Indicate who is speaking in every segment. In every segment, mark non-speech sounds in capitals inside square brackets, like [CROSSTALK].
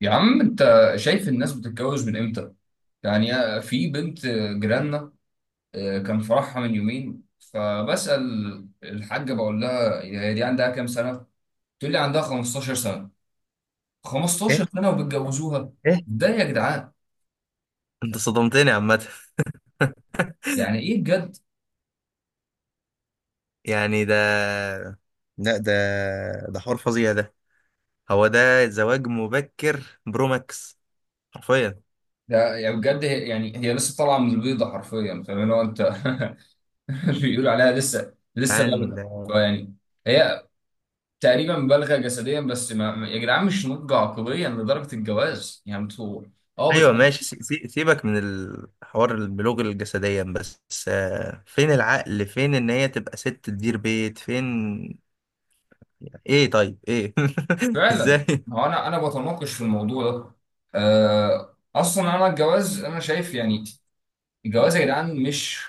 Speaker 1: يا عم انت شايف الناس بتتجوز من امتى؟ يعني في بنت جيراننا. كان فرحها من يومين فبسأل الحاجة بقول لها: هي دي عندها كام سنة؟ تقول لي: عندها 15 سنة. 15
Speaker 2: ايه،
Speaker 1: سنة وبتجوزوها؟
Speaker 2: ايه،
Speaker 1: ده يا جدعان
Speaker 2: انت صدمتني عامة.
Speaker 1: يعني ايه بجد؟
Speaker 2: يعني ده، لا، ده حوار فظيع ده. هو ده زواج مبكر برو ماكس، حرفيا.
Speaker 1: ده يعني بجد، هي لسه طالعة من البيضة حرفيا، فاهم اللي هو انت؟ [LAUGHS] بيقولوا عليها لسه لسه
Speaker 2: عن
Speaker 1: بالغة، فيعني هي تقريبا مبالغه جسديا بس يا جدعان مش نضج عقليا لدرجه الجواز، يعني انتوا اه
Speaker 2: ايوه ماشي،
Speaker 1: بتخليك.
Speaker 2: سيبك من الحوار البلوغ الجسديا بس. فين العقل، فين ان هي تبقى ست تدير بيت، فين؟ ايه؟ طيب، ايه، [LAUGHS] ازاي؟
Speaker 1: فعلا، ما هو انا بتناقش في الموضوع ده. اصلا انا الجواز انا شايف يعني، الجواز يا جدعان مش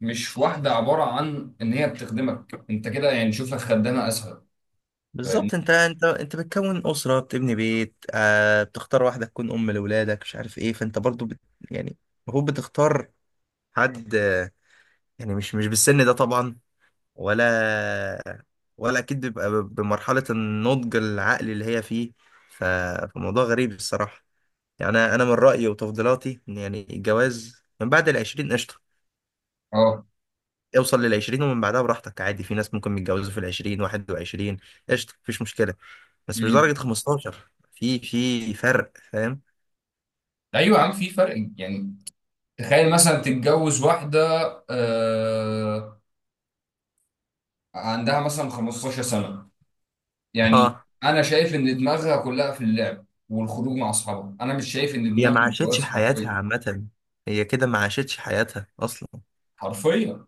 Speaker 1: مش واحده عباره عن ان هي بتخدمك انت كده، يعني شوف لك خدامه اسهل.
Speaker 2: بالظبط،
Speaker 1: فاهمني؟
Speaker 2: انت بتكون اسره، بتبني بيت، بتختار واحده تكون ام لاولادك، مش عارف ايه، فانت برضو يعني المفروض بتختار حد. يعني مش بالسن ده طبعا، ولا ولا اكيد بيبقى بمرحله النضج العقلي اللي هي فيه. ف- فموضوع غريب الصراحه. يعني انا، من رايي وتفضيلاتي ان يعني الجواز من بعد العشرين قشطه.
Speaker 1: اه.
Speaker 2: اوصل للعشرين ومن بعدها براحتك، عادي، في ناس ممكن يتجوزوا في العشرين، واحد وعشرين، قشطه، مفيش مشكله. بس مش
Speaker 1: مم.
Speaker 2: درجه 15، في فرق، فاهم؟
Speaker 1: ايوه يا عم، في فرق يعني. تخيل مثلا تتجوز واحده آه، عندها مثلا 15 سنه، يعني
Speaker 2: اه،
Speaker 1: انا شايف ان دماغها كلها في اللعب والخروج مع اصحابها، انا مش شايف ان
Speaker 2: هي ما
Speaker 1: دماغها
Speaker 2: عاشتش
Speaker 1: متجوزه
Speaker 2: حياتها
Speaker 1: حرفيا.
Speaker 2: عامه. هي كده ما عاشتش حياتها اصلا.
Speaker 1: حرفيا.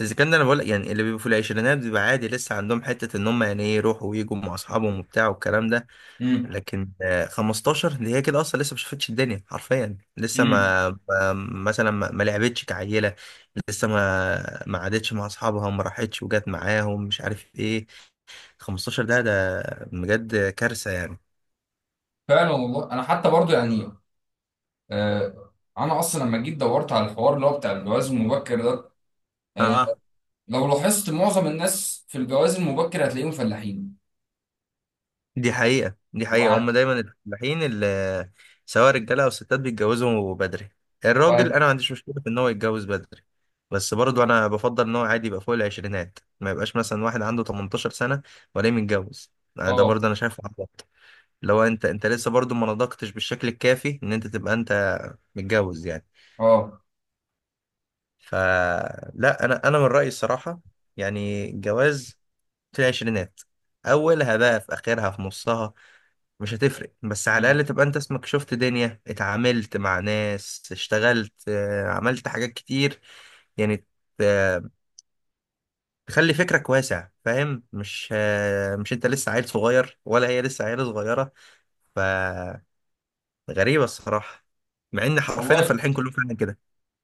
Speaker 2: اذا كان انا بقول يعني اللي بيبقوا في العشرينات بيبقى عادي، لسه عندهم حته ان هم يعني ايه يروحوا ويجوا مع اصحابهم وبتاع والكلام ده.
Speaker 1: امم.
Speaker 2: لكن 15 اللي هي كده اصلا لسه ما شافتش الدنيا حرفيا، لسه
Speaker 1: امم.
Speaker 2: مثلا ما لعبتش كعيله، لسه ما قعدتش مع اصحابها وما راحتش وجت معاهم، مش عارف ايه. 15 ده بجد كارثه يعني.
Speaker 1: فعلا والله. انا حتى برضو يعني آه انا اصلا لما جيت دورت على الحوار اللي هو بتاع الجواز المبكر ده، آه
Speaker 2: اه،
Speaker 1: لو لاحظت معظم الناس في الجواز المبكر هتلاقيهم فلاحين.
Speaker 2: دي حقيقة، دي حقيقة، هم
Speaker 1: وهت
Speaker 2: دايما الفلاحين اللي سواء رجالة أو ستات بيتجوزوا بدري. الراجل أنا
Speaker 1: وهت
Speaker 2: ما عنديش مشكلة في إن هو يتجوز بدري، بس برضو أنا بفضل إن هو عادي يبقى فوق العشرينات، ما يبقاش مثلا واحد عنده 18 سنة ولا متجوز. ده برضو
Speaker 1: اه.
Speaker 2: أنا شايفه عبط. لو أنت، لسه برضو ما نضجتش بالشكل الكافي إن أنت تبقى أنت متجوز يعني.
Speaker 1: اه.
Speaker 2: فلا، أنا، من رأيي الصراحة. يعني الجواز في العشرينات، أولها بقى، في آخرها، في نصها، مش هتفرق، بس على
Speaker 1: مم.
Speaker 2: الأقل تبقى أنت اسمك شفت دنيا، اتعاملت مع ناس، اشتغلت، عملت حاجات كتير يعني. آه، تخلي فكرك واسع، فاهم؟ مش، مش أنت لسه عيل صغير ولا هي لسه عيلة صغيرة. فغريبة الصراحة، مع إن حرفيا
Speaker 1: والله
Speaker 2: الفلاحين كلهم فعلا كده.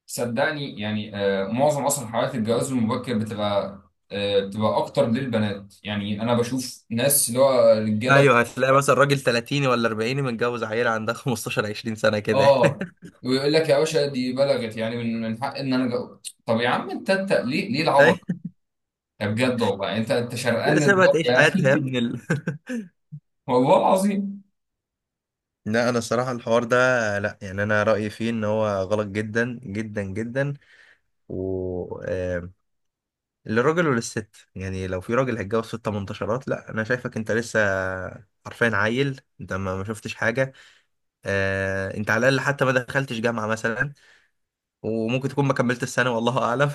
Speaker 1: صدقني، يعني معظم اصلا حالات الجواز المبكر بتبقى اكتر للبنات. يعني انا بشوف ناس اللي هو رجاله،
Speaker 2: أيوه، هتلاقي مثلا راجل 30 ولا 40 متجوز عيلة عندها 15 20 سنة كده.
Speaker 1: اه،
Speaker 2: [LAUGHS]
Speaker 1: ويقول لك: يا باشا دي بلغت، يعني من حق ان انا جو... طب يا عم، انت ليه
Speaker 2: أيوة،
Speaker 1: العبط ده بجد والله؟ يعني انت شرقان
Speaker 2: سيبها
Speaker 1: للدرجه
Speaker 2: تعيش حياتها يا
Speaker 1: يعني؟
Speaker 2: ابن ال... [LAUGHS]
Speaker 1: [LAUGHS] والله العظيم.
Speaker 2: لا، انا الصراحه الحوار ده، لا، يعني انا رايي فيه ان هو غلط جدا جدا جدا. و للراجل وللست. يعني لو في راجل هيتجوز ست منتشرات، لا، انا شايفك انت لسه حرفيا عيل، انت ما شفتش حاجه. انت على الاقل حتى ما دخلتش جامعه مثلا، وممكن تكون ما كملت السنه، والله اعلم.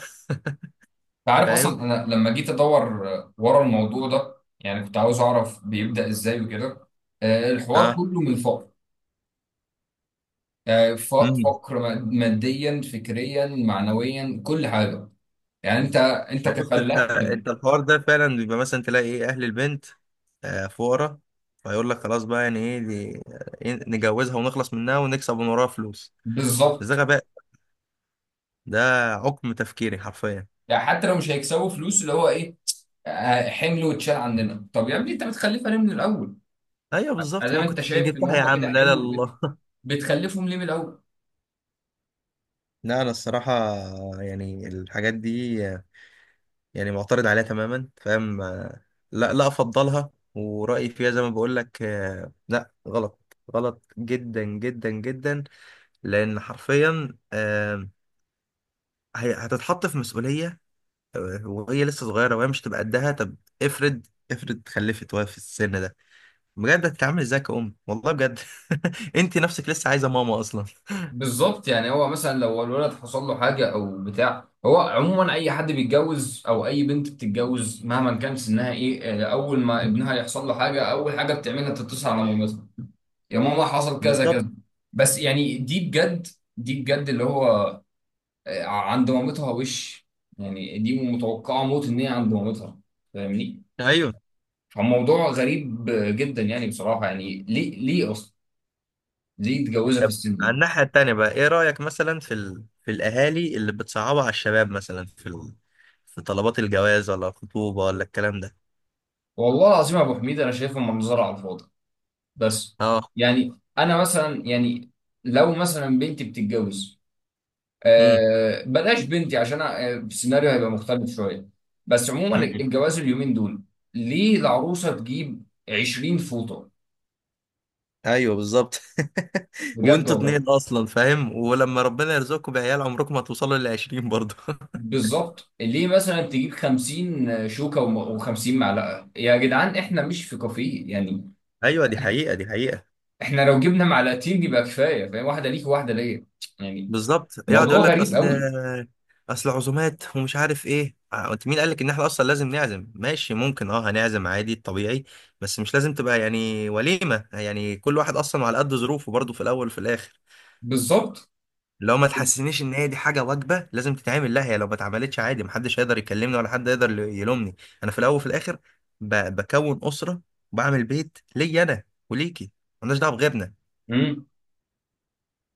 Speaker 1: انت
Speaker 2: [LAUGHS]
Speaker 1: عارف، اصلا
Speaker 2: فاهم.
Speaker 1: انا لما جيت ادور ورا الموضوع ده يعني كنت عاوز اعرف بيبدا ازاي وكده. الحوار
Speaker 2: اه،
Speaker 1: كله من الفقر. فقر ماديا، فكريا، معنويا، كل حاجه. يعني انت
Speaker 2: ما بص، انت،
Speaker 1: كفلاح
Speaker 2: الحوار ده فعلا بيبقى مثلا تلاقي ايه، اهل البنت فقراء، فيقول لك خلاص بقى، يعني ايه دي؟ إيه، نجوزها ونخلص منها ونكسب من وراها فلوس. ده
Speaker 1: بالظبط.
Speaker 2: غباء، ده عقم تفكيري حرفيا.
Speaker 1: يعني حتى لو مش هيكسبوا فلوس، اللي هو ايه، حمل واتشال عندنا. طب يا ابني انت بتخلفها ليه من الاول؟
Speaker 2: ايوه بالظبط،
Speaker 1: ادام
Speaker 2: ما
Speaker 1: انت
Speaker 2: كنت
Speaker 1: شايف ان
Speaker 2: جبتها يا
Speaker 1: هم كده
Speaker 2: عم، لا لا،
Speaker 1: حمل،
Speaker 2: الله. [LAUGHS]
Speaker 1: بتخلفهم ليه من الاول؟
Speaker 2: لا، انا الصراحه يعني الحاجات دي، يعني معترض عليها تماما، فاهم؟ لا لا، افضلها، ورايي فيها زي ما بقول لك، لا، غلط، غلط جدا جدا جدا. لان حرفيا هتتحط في مسؤولية، وهي لسه صغيرة، وهي مش تبقى قدها. طب افرض، افرض خلفت وهي في السن ده، بجد هتتعامل ازاي كأم؟ والله بجد. [LAUGHS] انت نفسك لسه عايزة ماما اصلا.
Speaker 1: بالظبط. يعني هو مثلا لو الولد حصل له حاجه او بتاع، هو عموما اي حد بيتجوز او اي بنت بتتجوز مهما كان سنها، ايه، اول ما ابنها يحصل له حاجه اول حاجه بتعملها تتصل على مامتها: يا ماما حصل كذا
Speaker 2: بالظبط.
Speaker 1: كذا. بس يعني دي بجد، دي بجد اللي هو عند مامتها وش. يعني دي متوقعة موت ان هي عند مامتها، فاهمني؟
Speaker 2: ايوه،
Speaker 1: فالموضوع غريب جدا يعني بصراحة. يعني ليه اصلا ليه يتجوزها في
Speaker 2: طب
Speaker 1: السن
Speaker 2: على
Speaker 1: ده؟
Speaker 2: الناحية التانية بقى، ايه رأيك مثلا في في الاهالي اللي بتصعبها على الشباب، مثلا في في طلبات الجواز ولا الخطوبة ولا الكلام ده؟
Speaker 1: والله العظيم يا ابو حميد، انا شايفها منظرة على الفاضي بس.
Speaker 2: اه.
Speaker 1: يعني انا مثلا يعني لو مثلا بنتي بتتجوز،
Speaker 2: امم.
Speaker 1: بلاش بنتي عشان السيناريو هيبقى مختلف شويه. بس عموما
Speaker 2: أمم.
Speaker 1: الجواز اليومين دول، ليه العروسه تجيب 20 فوطه؟
Speaker 2: ايوه بالظبط. [LAUGHS]
Speaker 1: بجد
Speaker 2: وانتوا
Speaker 1: والله.
Speaker 2: اتنين اصلا، فاهم؟ ولما ربنا يرزقكم بعيال، عمركم ما توصلوا للعشرين برضه.
Speaker 1: بالظبط، ليه مثلا تجيب 50 شوكه و50 معلقه؟ يا جدعان احنا مش في كافيه يعني.
Speaker 2: ايوه، دي حقيقه، دي حقيقه.
Speaker 1: احنا لو جبنا معلقتين يبقى كفايه، فاهم؟ واحده ليك وواحده ليا يعني.
Speaker 2: بالظبط. يقعد يقول
Speaker 1: موضوع
Speaker 2: لك
Speaker 1: غريب
Speaker 2: اصل
Speaker 1: قوي.
Speaker 2: اصل عزومات ومش عارف ايه. انت مين قال لك ان احنا اصلا لازم نعزم؟ ماشي، ممكن، اه، هنعزم عادي طبيعي، بس مش لازم تبقى يعني وليمه. يعني كل واحد اصلا على قد ظروفه، برضه، في الاول وفي الاخر.
Speaker 1: بالظبط.
Speaker 2: لو ما تحسسنيش ان هي دي حاجه واجبه لازم تتعمل، لا، هي لو ما اتعملتش عادي، محدش هيقدر يكلمني ولا حد يقدر يلومني. انا في الاول وفي الاخر بكون اسره وبعمل بيت ليا انا وليكي، مالناش دعوه بغيرنا.
Speaker 1: مم.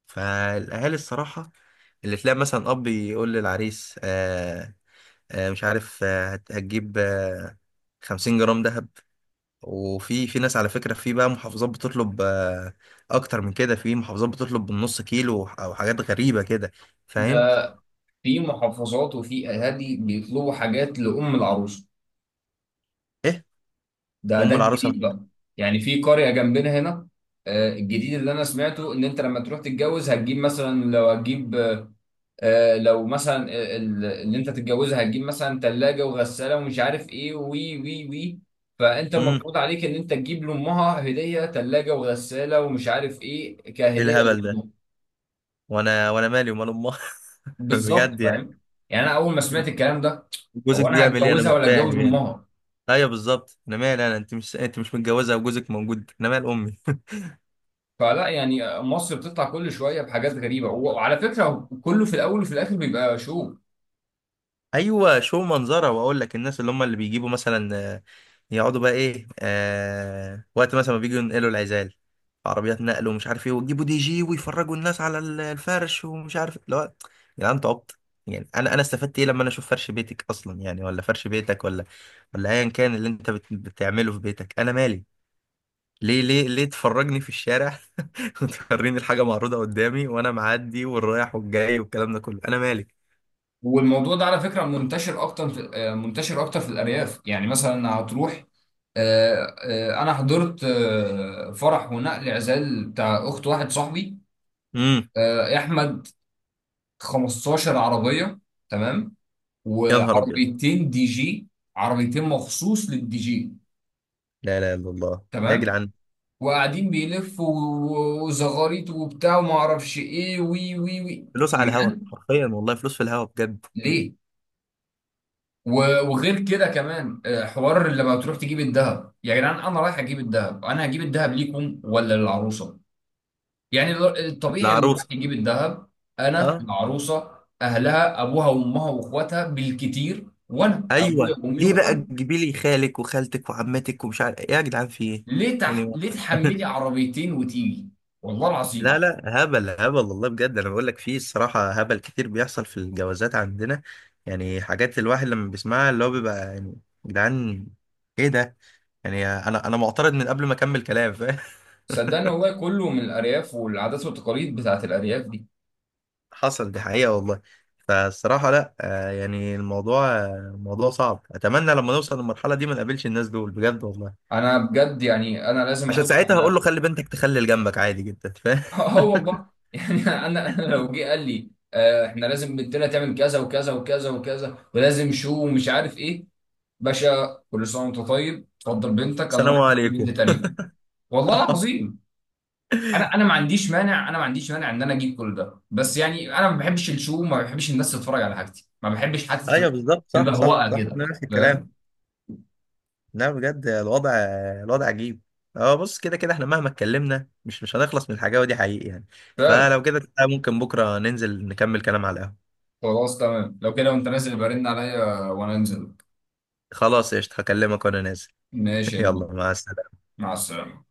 Speaker 2: فالاهالي الصراحه اللي تلاقي مثلا اب يقول للعريس، مش عارف، هتجيب، 50 جرام ذهب. وفي ناس على فكره، في بقى محافظات بتطلب، اكتر من كده، في محافظات بتطلب بالنص كيلو او حاجات غريبه كده، فاهم؟
Speaker 1: ده في محافظات وفي اهالي بيطلبوا حاجات لام العروسه.
Speaker 2: ايه
Speaker 1: ده
Speaker 2: وام العروسه؟
Speaker 1: الجديد بقى. يعني في قرية جنبنا هنا، الجديد اللي انا سمعته ان انت لما تروح تتجوز هتجيب مثلا، لو هتجيب، لو مثلا اللي انت تتجوزها هتجيب مثلا ثلاجة وغسالة ومش عارف ايه، وي وي وي، فانت
Speaker 2: امم
Speaker 1: المفروض عليك ان انت تجيب لامها هدية ثلاجة وغسالة ومش عارف ايه،
Speaker 2: ايه
Speaker 1: كهدية
Speaker 2: الهبل ده؟
Speaker 1: لأمها.
Speaker 2: وانا مالي ومال امها؟ [LAUGHS]
Speaker 1: بالظبط،
Speaker 2: بجد يعني،
Speaker 1: فاهم؟ يعني انا اول ما سمعت الكلام ده:
Speaker 2: جوزك
Speaker 1: هو انا
Speaker 2: بيعمل ايه؟ انا
Speaker 1: هتجوزها
Speaker 2: مش
Speaker 1: ولا
Speaker 2: فاهم
Speaker 1: اتجوز
Speaker 2: يعني.
Speaker 1: امها؟
Speaker 2: ايوه بالظبط، انا مالي، انا، انت مش متجوزه وجوزك موجود، انا مال امي؟
Speaker 1: فلا، يعني مصر بتطلع كل شويه بحاجات غريبه، وعلى فكره كله في الاول وفي الاخر بيبقى شو.
Speaker 2: ايوه شو منظره. واقول لك الناس اللي هم اللي بيجيبوا مثلا، يقعدوا بقى ايه، وقت مثلا ما بيجوا ينقلوا العزال، في عربيات نقل ومش عارف ايه، ويجيبوا دي جي ويفرجوا الناس على الفرش ومش عارف اللي هو، يا جدعان انتوا عبط يعني. انا استفدت ايه لما انا اشوف فرش بيتك اصلا يعني؟ ولا فرش بيتك، ولا ايا كان اللي انت بتعمله في بيتك، انا مالي؟ ليه، ليه، ليه تفرجني في الشارع؟ [LAUGHS] وتوريني الحاجه معروضه قدامي وانا معدي والرايح والجاي والكلام ده كله، انا مالي؟
Speaker 1: والموضوع ده على فكره منتشر اكتر في الارياف. يعني مثلا هتروح، انا حضرت فرح ونقل عزال بتاع اخت واحد صاحبي،
Speaker 2: امم.
Speaker 1: يا احمد، 15 عربيه، تمام،
Speaker 2: يا نهار ابيض.
Speaker 1: وعربيتين دي جي، عربيتين مخصوص للدي جي،
Speaker 2: لا لا، الا الله، يا
Speaker 1: تمام.
Speaker 2: جدعان.
Speaker 1: وقاعدين بيلفوا وزغاريط وبتاع وما اعرفش ايه، وي وي وي،
Speaker 2: فلوس على
Speaker 1: يا
Speaker 2: الهوا
Speaker 1: جدعان
Speaker 2: حرفيا، والله فلوس في الهوا بجد.
Speaker 1: ليه؟ وغير كده كمان، حوار لما بتروح تجيب الذهب. يا جدعان انا رايح اجيب الذهب، انا هجيب الذهب ليكم ولا للعروسه؟ يعني الطبيعي اللي رايح
Speaker 2: العروسه.
Speaker 1: يجيب الذهب، انا
Speaker 2: اه.
Speaker 1: العروسه اهلها ابوها وامها واخواتها بالكتير، وانا ابويا
Speaker 2: ايوه،
Speaker 1: وامي
Speaker 2: ليه بقى
Speaker 1: واخواتي.
Speaker 2: تجيبي لي خالك وخالتك وعمتك ومش عارف إيه؟ يا جدعان في ايه يعني؟
Speaker 1: ليه تحملي
Speaker 2: [LAUGHS]
Speaker 1: عربيتين وتيجي؟ والله
Speaker 2: لا
Speaker 1: العظيم.
Speaker 2: لا، هبل هبل، والله بجد، انا بقول لك في الصراحه هبل كتير بيحصل في الجوازات عندنا. يعني حاجات الواحد لما بيسمعها اللي هو بيبقى يعني يا جدعان، ايه ده؟ يعني انا معترض من قبل ما اكمل كلام، فاهم؟ [LAUGHS]
Speaker 1: صدقني والله كله من الارياف والعادات والتقاليد بتاعت الارياف دي.
Speaker 2: حصل، دي حقيقة والله. فالصراحة لا، يعني الموضوع، موضوع صعب. أتمنى لما نوصل للمرحلة دي ما نقابلش الناس دول بجد والله.
Speaker 1: انا بجد يعني انا لازم
Speaker 2: عشان
Speaker 1: اخش
Speaker 2: ساعتها هقول
Speaker 1: على
Speaker 2: له خلي بنتك تخلي جنبك، عادي جدا، فاهم؟
Speaker 1: [LAUGHS] اه
Speaker 2: [LAUGHS]
Speaker 1: والله يعني انا [LAUGHS] انا لو جه قال لي: احنا لازم بنتنا تعمل كذا وكذا وكذا وكذا ولازم شو ومش عارف ايه، باشا كل سنه وانت طيب، اتفضل بنتك، انا
Speaker 2: السلام
Speaker 1: راح اشوف لي بنت
Speaker 2: عليكم.
Speaker 1: تانيه. والله
Speaker 2: [LAUGHS]
Speaker 1: العظيم. انا ما عنديش مانع، انا ما عنديش مانع ان انا اجيب كل ده، بس يعني انا ما بحبش الشو، ما بحبش الناس تتفرج على حاجتي، ما بحبش حد
Speaker 2: أيوه
Speaker 1: تبقى
Speaker 2: بالظبط، صح صح
Speaker 1: مبهوقه
Speaker 2: صح،
Speaker 1: كده،
Speaker 2: أنا نفس الكلام.
Speaker 1: فاهم؟
Speaker 2: لا بجد الوضع، الوضع عجيب. اه بص، كده كده احنا مهما اتكلمنا مش هنخلص من الحاجة، ودي حقيقي يعني.
Speaker 1: فعلا.
Speaker 2: فلو كده تعالى، ممكن بكرة ننزل نكمل كلام على القهوة.
Speaker 1: خلاص تمام، لو كده وانت نازل يبقى رن عليا وانا انزل.
Speaker 2: خلاص قشطة، هكلمك وأنا نازل. [LAUGHS]
Speaker 1: ماشي يا كبير.
Speaker 2: يلا، مع السلامة.
Speaker 1: مع السلامه.